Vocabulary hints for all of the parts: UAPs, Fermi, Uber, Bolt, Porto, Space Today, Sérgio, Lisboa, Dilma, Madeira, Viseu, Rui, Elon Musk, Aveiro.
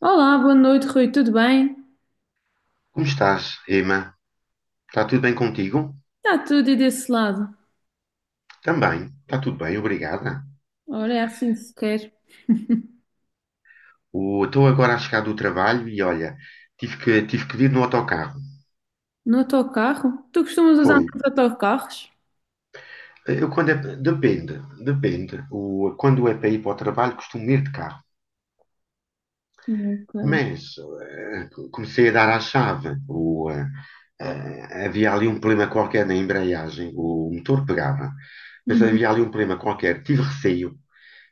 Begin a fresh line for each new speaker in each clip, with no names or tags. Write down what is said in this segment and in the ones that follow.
Olá, boa noite, Rui, tudo bem?
Como estás, Emma? Está tudo bem contigo?
Está tudo e desse lado.
Também, está tudo bem, obrigada.
Ora, é assim que se quer.
Estou agora a chegar do trabalho e olha, tive que vir no autocarro.
No autocarro? Tu costumas usar
Foi.
muitos autocarros?
Eu, depende, depende. Quando é para ir para o trabalho, costumo ir de carro.
Ok.
Mas comecei a dar à chave. Havia ali um problema qualquer na embreagem, o motor pegava, mas
Uhum.
havia ali um problema qualquer. Tive receio.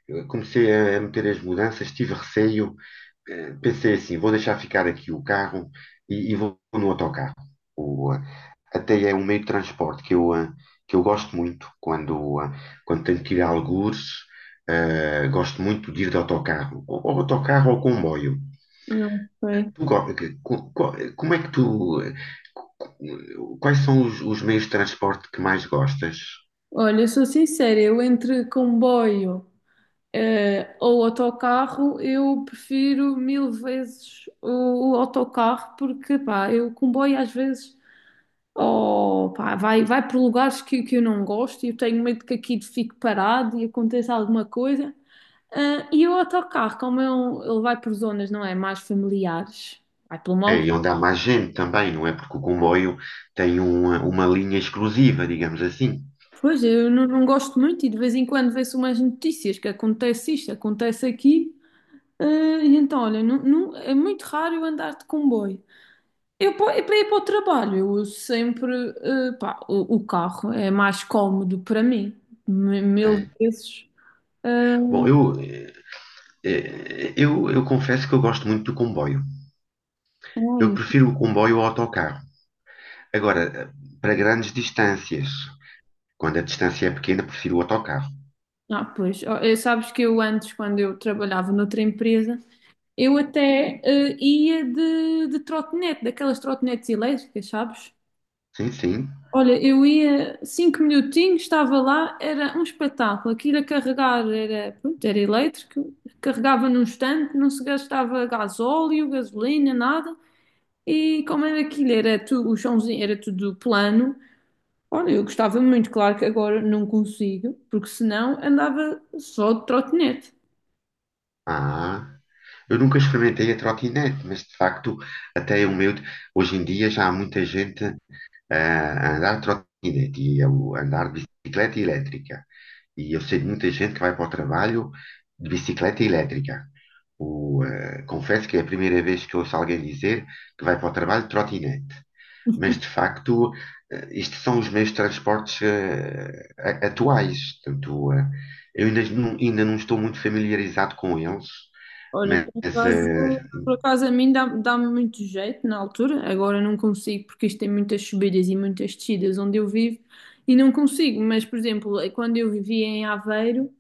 Eu comecei a meter as mudanças, tive receio. Pensei assim: vou deixar ficar aqui o carro e vou no autocarro. O, eh, Até é um meio de transporte que eu gosto muito quando tenho que ir a algures. Gosto muito de ir de autocarro, ou autocarro ou comboio.
Não sei.
Tu go- que- co- co- Como é que tu. Eh, co- Quais são os meios de transporte que mais gostas?
Olha, eu sou sincera. Eu, entre comboio, ou autocarro, eu prefiro mil vezes o autocarro, porque pá, eu comboio às vezes, oh pá, vai por lugares que eu não gosto, e eu tenho medo que aquilo fique parado e aconteça alguma coisa. Ah, e o autocarro, ele vai por zonas, não é? Mais familiares, vai pelo
É,
mal.
e onde há mais gente também, não é? Porque o comboio tem uma linha exclusiva, digamos assim.
Pois, eu não gosto muito, e de vez em quando vê-se umas notícias que acontece isto, acontece aqui. Ah, e então, olha, é muito raro eu andar de comboio. Eu, eu para ir para o trabalho, eu uso sempre, pá, o carro, é mais cómodo para mim, mil
É.
vezes. Ah,
Bom, eu confesso que eu gosto muito do comboio. Eu
ai,
prefiro o comboio ao autocarro. Agora, para grandes distâncias, quando a distância é pequena, prefiro o autocarro.
ah, pois, oh, sabes que eu antes, quando eu trabalhava noutra empresa, eu até ia de trotinete, daquelas trotinetes elétricas, sabes?
Sim, sim.
Olha, eu ia 5 minutinhos, estava lá, era um espetáculo. Aquilo a carregar era, pronto, era elétrico, carregava num instante, não se gastava gasóleo, gasolina, nada. E como era aquilo, era tu, o chãozinho era tudo plano. Olha, eu gostava muito, claro que agora não consigo, porque senão andava só de trotinete.
Ah. Eu nunca experimentei a trotinete, mas de facto, até o meu. Hoje em dia já há muita gente a andar de trotinete e a andar de bicicleta elétrica. E eu sei de muita gente que vai para o trabalho de bicicleta elétrica. Confesso que é a primeira vez que ouço alguém dizer que vai para o trabalho de trotinete. Mas de facto, isto são os meios de transportes atuais. Portanto, eu ainda não estou muito familiarizado com eles,
Olha, por
mas
acaso, por acaso a mim dá-me muito jeito na altura. Agora não consigo porque isto tem muitas subidas e muitas descidas onde eu vivo, e não consigo. Mas, por exemplo, é quando eu vivia em Aveiro,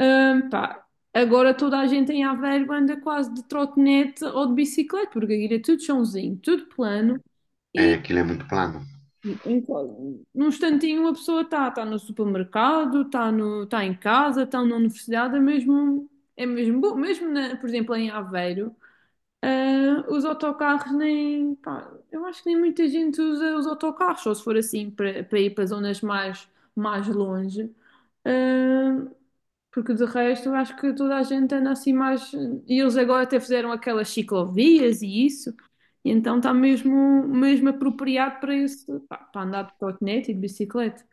pá, agora toda a gente em Aveiro anda quase de trotinete ou de bicicleta, porque aquilo é tudo chãozinho, tudo plano. E
aquilo é muito plano.
em qual- num instantinho a pessoa está no supermercado, está no, tá em casa, está na universidade. É mesmo bom, mesmo por exemplo em Aveiro. Ah, os autocarros, nem pá, eu acho que nem muita gente usa os autocarros, só se for assim para ir para zonas mais longe. Ah, porque de resto eu acho que toda a gente anda assim mais. E eles agora até fizeram aquelas ciclovias e isso, e então está mesmo apropriado para isso, pá, para andar de trotinete e de bicicleta.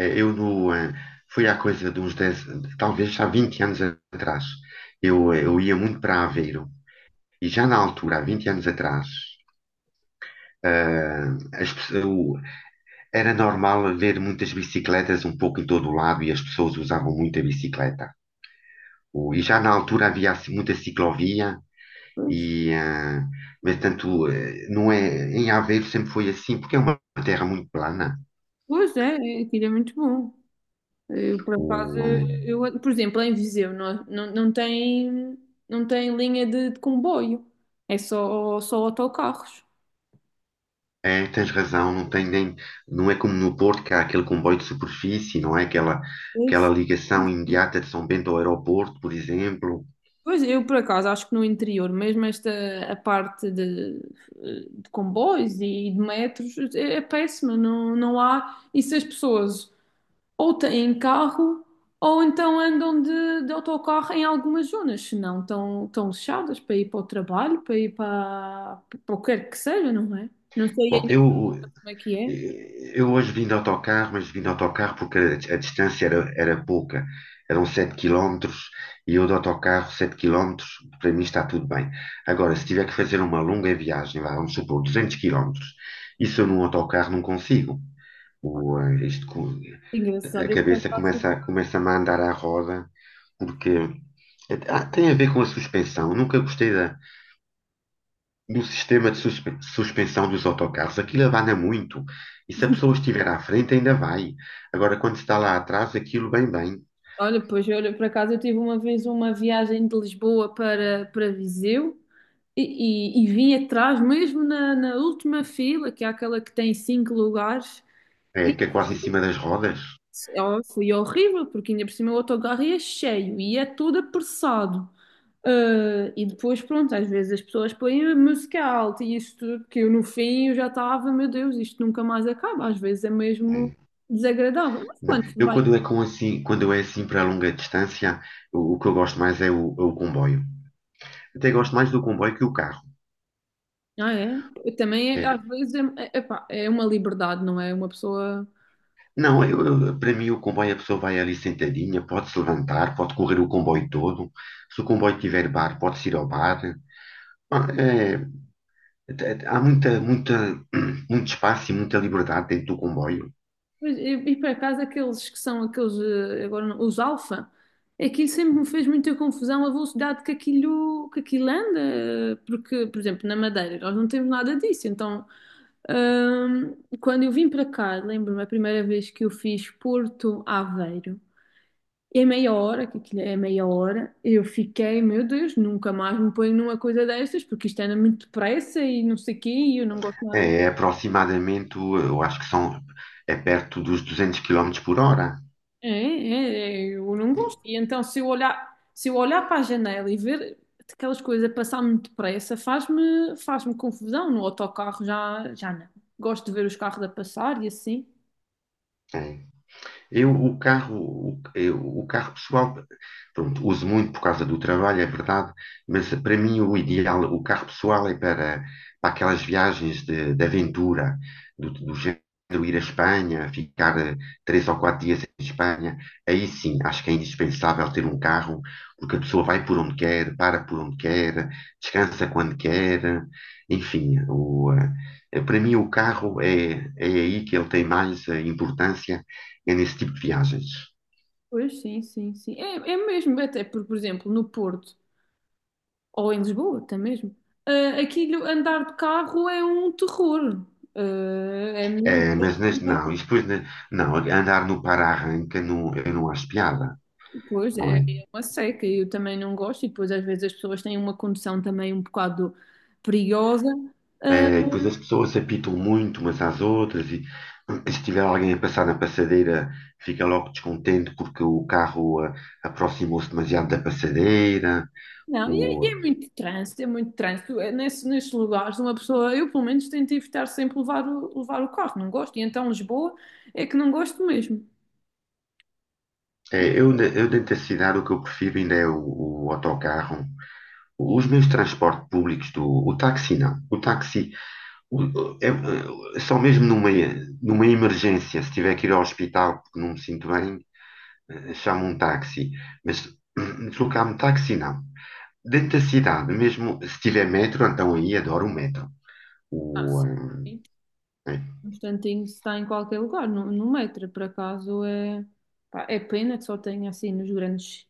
Eh, eu no, eh, Foi há coisa de uns 10, talvez há 20 anos atrás. Eu ia muito para Aveiro e já na altura, há 20 anos atrás, eh, as pe- o- era normal ver muitas bicicletas um pouco em todo o lado e as pessoas usavam muito a bicicleta. E já na altura havia assim, muita ciclovia,
Pois,
e, mas tanto, não é, em Aveiro sempre foi assim, porque é uma terra muito plana.
pois é, aquilo é muito bom. Eu, por acaso,
O, ah,
por exemplo, em Viseu não tem linha de comboio, é só autocarros.
É, tens razão, não tem nem, não é como no Porto, que há aquele comboio de superfície, não é aquela,
Pois,
aquela
sim,
ligação
sim.
imediata de São Bento ao aeroporto, por exemplo.
Pois, eu, por acaso, acho que no interior, mesmo esta a parte de comboios e de metros, é péssima, não há. E se as pessoas ou têm carro, ou então andam de autocarro em algumas zonas, senão estão fechadas para ir para o trabalho, para ir para o que quer que seja, não é? Não sei
Bom,
ainda
eu,
como é que é.
Eh, Eu hoje vim de autocarro, mas vim de autocarro porque a distância era pouca. Eram 7 quilómetros e eu de autocarro, 7 quilómetros para mim está tudo bem. Agora, se tiver que fazer uma longa viagem, vá, vamos supor, 200 quilómetros, isso eu num autocarro não consigo. O, eh, isto co- A
Engraçado. Eu, por
cabeça
acaso,
começa-me a andar à roda, porque tem a ver com a suspensão. Eu nunca gostei no sistema de suspensão dos autocarros, aquilo abana muito. E se a pessoa estiver à frente, ainda vai. Agora, quando está lá atrás, aquilo bem, bem.
olha, pois, olha, por acaso eu tive uma vez uma viagem de Lisboa para Viseu. E, e vim atrás, mesmo na última fila, que é aquela que tem cinco lugares.
É,
E
que é quase em cima das rodas.
ó, foi horrível, porque ainda por cima o autocarro é cheio e é tudo apressado. Ah, e depois, pronto, às vezes as pessoas põem a música alta e isso tudo, que eu no fim eu já estava, meu Deus, isto nunca mais acaba. Às vezes é mesmo
É.
desagradável. Mas
Não,
quando se
eu
vai.
quando é assim para longa distância, o que eu gosto mais é o comboio. Até gosto mais do comboio que o carro.
Ah, é? Eu também, às
É.
vezes, epá, é uma liberdade, não é? Uma pessoa.
Não, para mim o comboio a pessoa vai ali sentadinha, pode se levantar, pode correr o comboio todo. Se o comboio tiver bar, pode se ir ao bar. Ah, é, Há muito espaço e muita liberdade dentro do comboio.
Mas, e por acaso, aqueles que são aqueles, agora, os alfa, aquilo sempre me fez muita confusão a velocidade que aquilo anda, porque, por exemplo, na Madeira nós não temos nada disso, então. Ahm, Quando eu vim para cá, lembro-me a primeira vez que eu fiz Porto Aveiro. E a meia hora, que aquilo é meia hora, eu fiquei, meu Deus, nunca mais me ponho numa coisa destas, porque isto anda muito depressa e não sei o quê, e eu não gosto nada. de-
É aproximadamente, eu acho que é perto dos 200 quilómetros por hora.
É, é, é, eu não gosto. E então, se eu olhar para a janela e ver aquelas coisas a passar muito depressa, faz-me confusão. No autocarro já não. Gosto de ver os carros a passar e assim.
É. Eu, o carro pessoal, pronto, uso muito por causa do trabalho, é verdade, mas para mim o ideal, o carro pessoal é para aquelas viagens de aventura, do género ir à Espanha, ficar 3 ou 4 dias em Espanha. Aí sim, acho que é indispensável ter um carro, porque a pessoa vai por onde quer, para por onde quer, descansa quando quer, enfim, para mim o carro é aí que ele tem mais importância é nesse tipo de viagens.
Pois, sim, sim, sim. É mesmo, até por exemplo, no Porto ou em Lisboa, até mesmo. Ah, aquilo andar de carro é um terror. Ah, é mil.
É, mas não, e depois não, andar no para-arranca não, eu não acho piada,
Pois
não
é,
é?
é uma seca. Eu também não gosto, e depois às vezes as pessoas têm uma condução também um bocado perigosa. Ah,
É, e depois as pessoas apitam muito umas às outras e se tiver alguém a passar na passadeira fica logo descontente porque o carro aproximou-se demasiado da passadeira.
não, e
O,
é muito trânsito, é muito trânsito. É nesses lugares, uma pessoa, eu pelo menos tento evitar sempre levar o carro, não gosto. E então Lisboa é que não gosto mesmo.
é, eu, na- eu dentro da cidade o que eu prefiro ainda é o autocarro. Os meus transportes públicos o táxi não. O táxi é só mesmo numa emergência, se tiver que ir ao hospital porque não me sinto bem, chamo um táxi. Mas deslocar-me de táxi, não. Dentro da cidade, mesmo se tiver metro, então aí adoro o metro.
Ah,
O,
sim.
eh, é.
Um instantinho se está em qualquer lugar, no metro, por acaso é pá, é pena que só tenha assim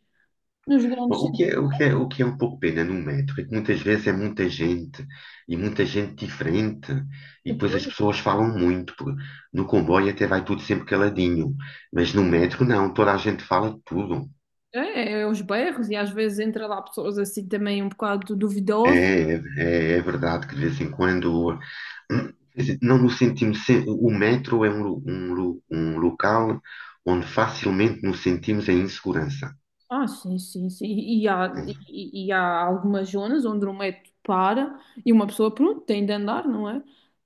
nos grandes
O que é,
centros
o que é, o que é um pouco pena no metro é que muitas vezes é muita gente e muita gente diferente
de
e depois as
cultura.
pessoas falam muito. Porque No comboio até vai tudo sempre caladinho, mas no metro não, toda a gente fala de tudo.
Os bairros, e às vezes entra lá pessoas assim também um bocado duvidosas.
É verdade que de vez em quando, quer dizer, não no sentimos, se- o metro é um local onde facilmente nos sentimos em insegurança.
Ah, sim, sim, sim. E há,
Né?
e, e há algumas zonas onde o metro para, e uma pessoa, pronto, tem de andar, não é?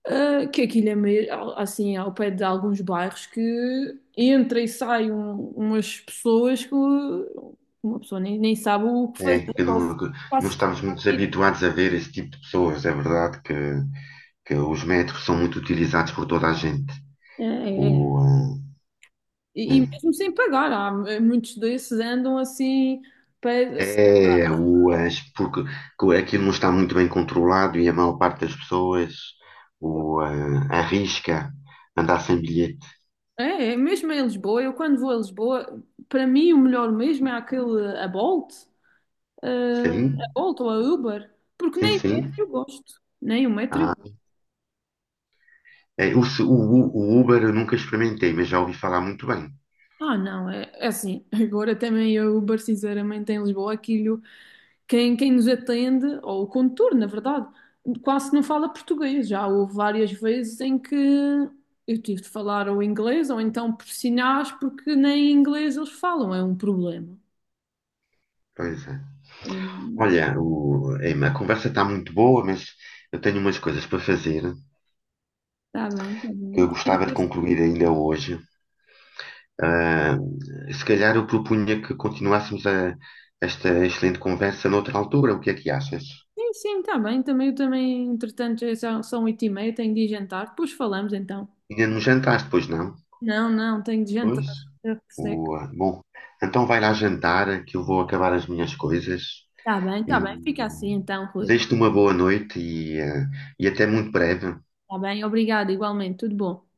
Ah, que aquilo é meio assim, ao pé de alguns bairros que entra e sai umas pessoas que uma pessoa nem sabe o que fazer,
É, que
ou se
não, que não
quase se
estamos muito
tira.
habituados a ver esse tipo de pessoas. É verdade que os metros são muito utilizados por toda a gente.
É, é. É.
O,
E
ah,
mesmo sem pagar, há muitos desses andam assim, assim.
é, o, as- porque que aquilo não está muito bem controlado e a maior parte das pessoas arrisca andar sem bilhete.
Mesmo em Lisboa, eu quando vou a Lisboa, para mim o melhor mesmo é aquele, a Bolt. A
Sim,
Bolt ou a Uber, porque
sim,
nem o
sim.
metro eu gosto. Nem o metro eu
Ah,
gosto.
é, o, su- o, o Uber eu nunca experimentei, mas já ouvi falar muito bem.
Ah, não, é assim. Agora também a Uber, sinceramente, em Lisboa, aquilo, quem nos atende, ou o condutor, na verdade, quase não fala português. Já houve várias vezes em que eu tive de falar ou inglês, ou então por sinais, porque nem inglês eles falam, é um problema.
Pois é.
Hum.
Olha, Emma, a conversa está muito boa, mas eu tenho umas coisas para fazer
Tá bem, tá
que
bem.
eu gostava de concluir ainda hoje. Ah, Se calhar eu propunha que continuássemos esta excelente conversa noutra altura. O que é que achas?
Sim, sim, tá bem. Também, eu também, entretanto, já são 8h30, tenho de ir jantar. Depois falamos então.
Ainda não jantaste, pois não?
Não, não, tenho de jantar.
Pois?
Eu que seco.
Bom, então vai lá jantar, que eu vou acabar as minhas coisas
Tá bem, tá
e
bem. Fica assim então, Rui.
desejo-te uma boa noite e até muito breve.
Tá bem, obrigado, igualmente. Tudo bom.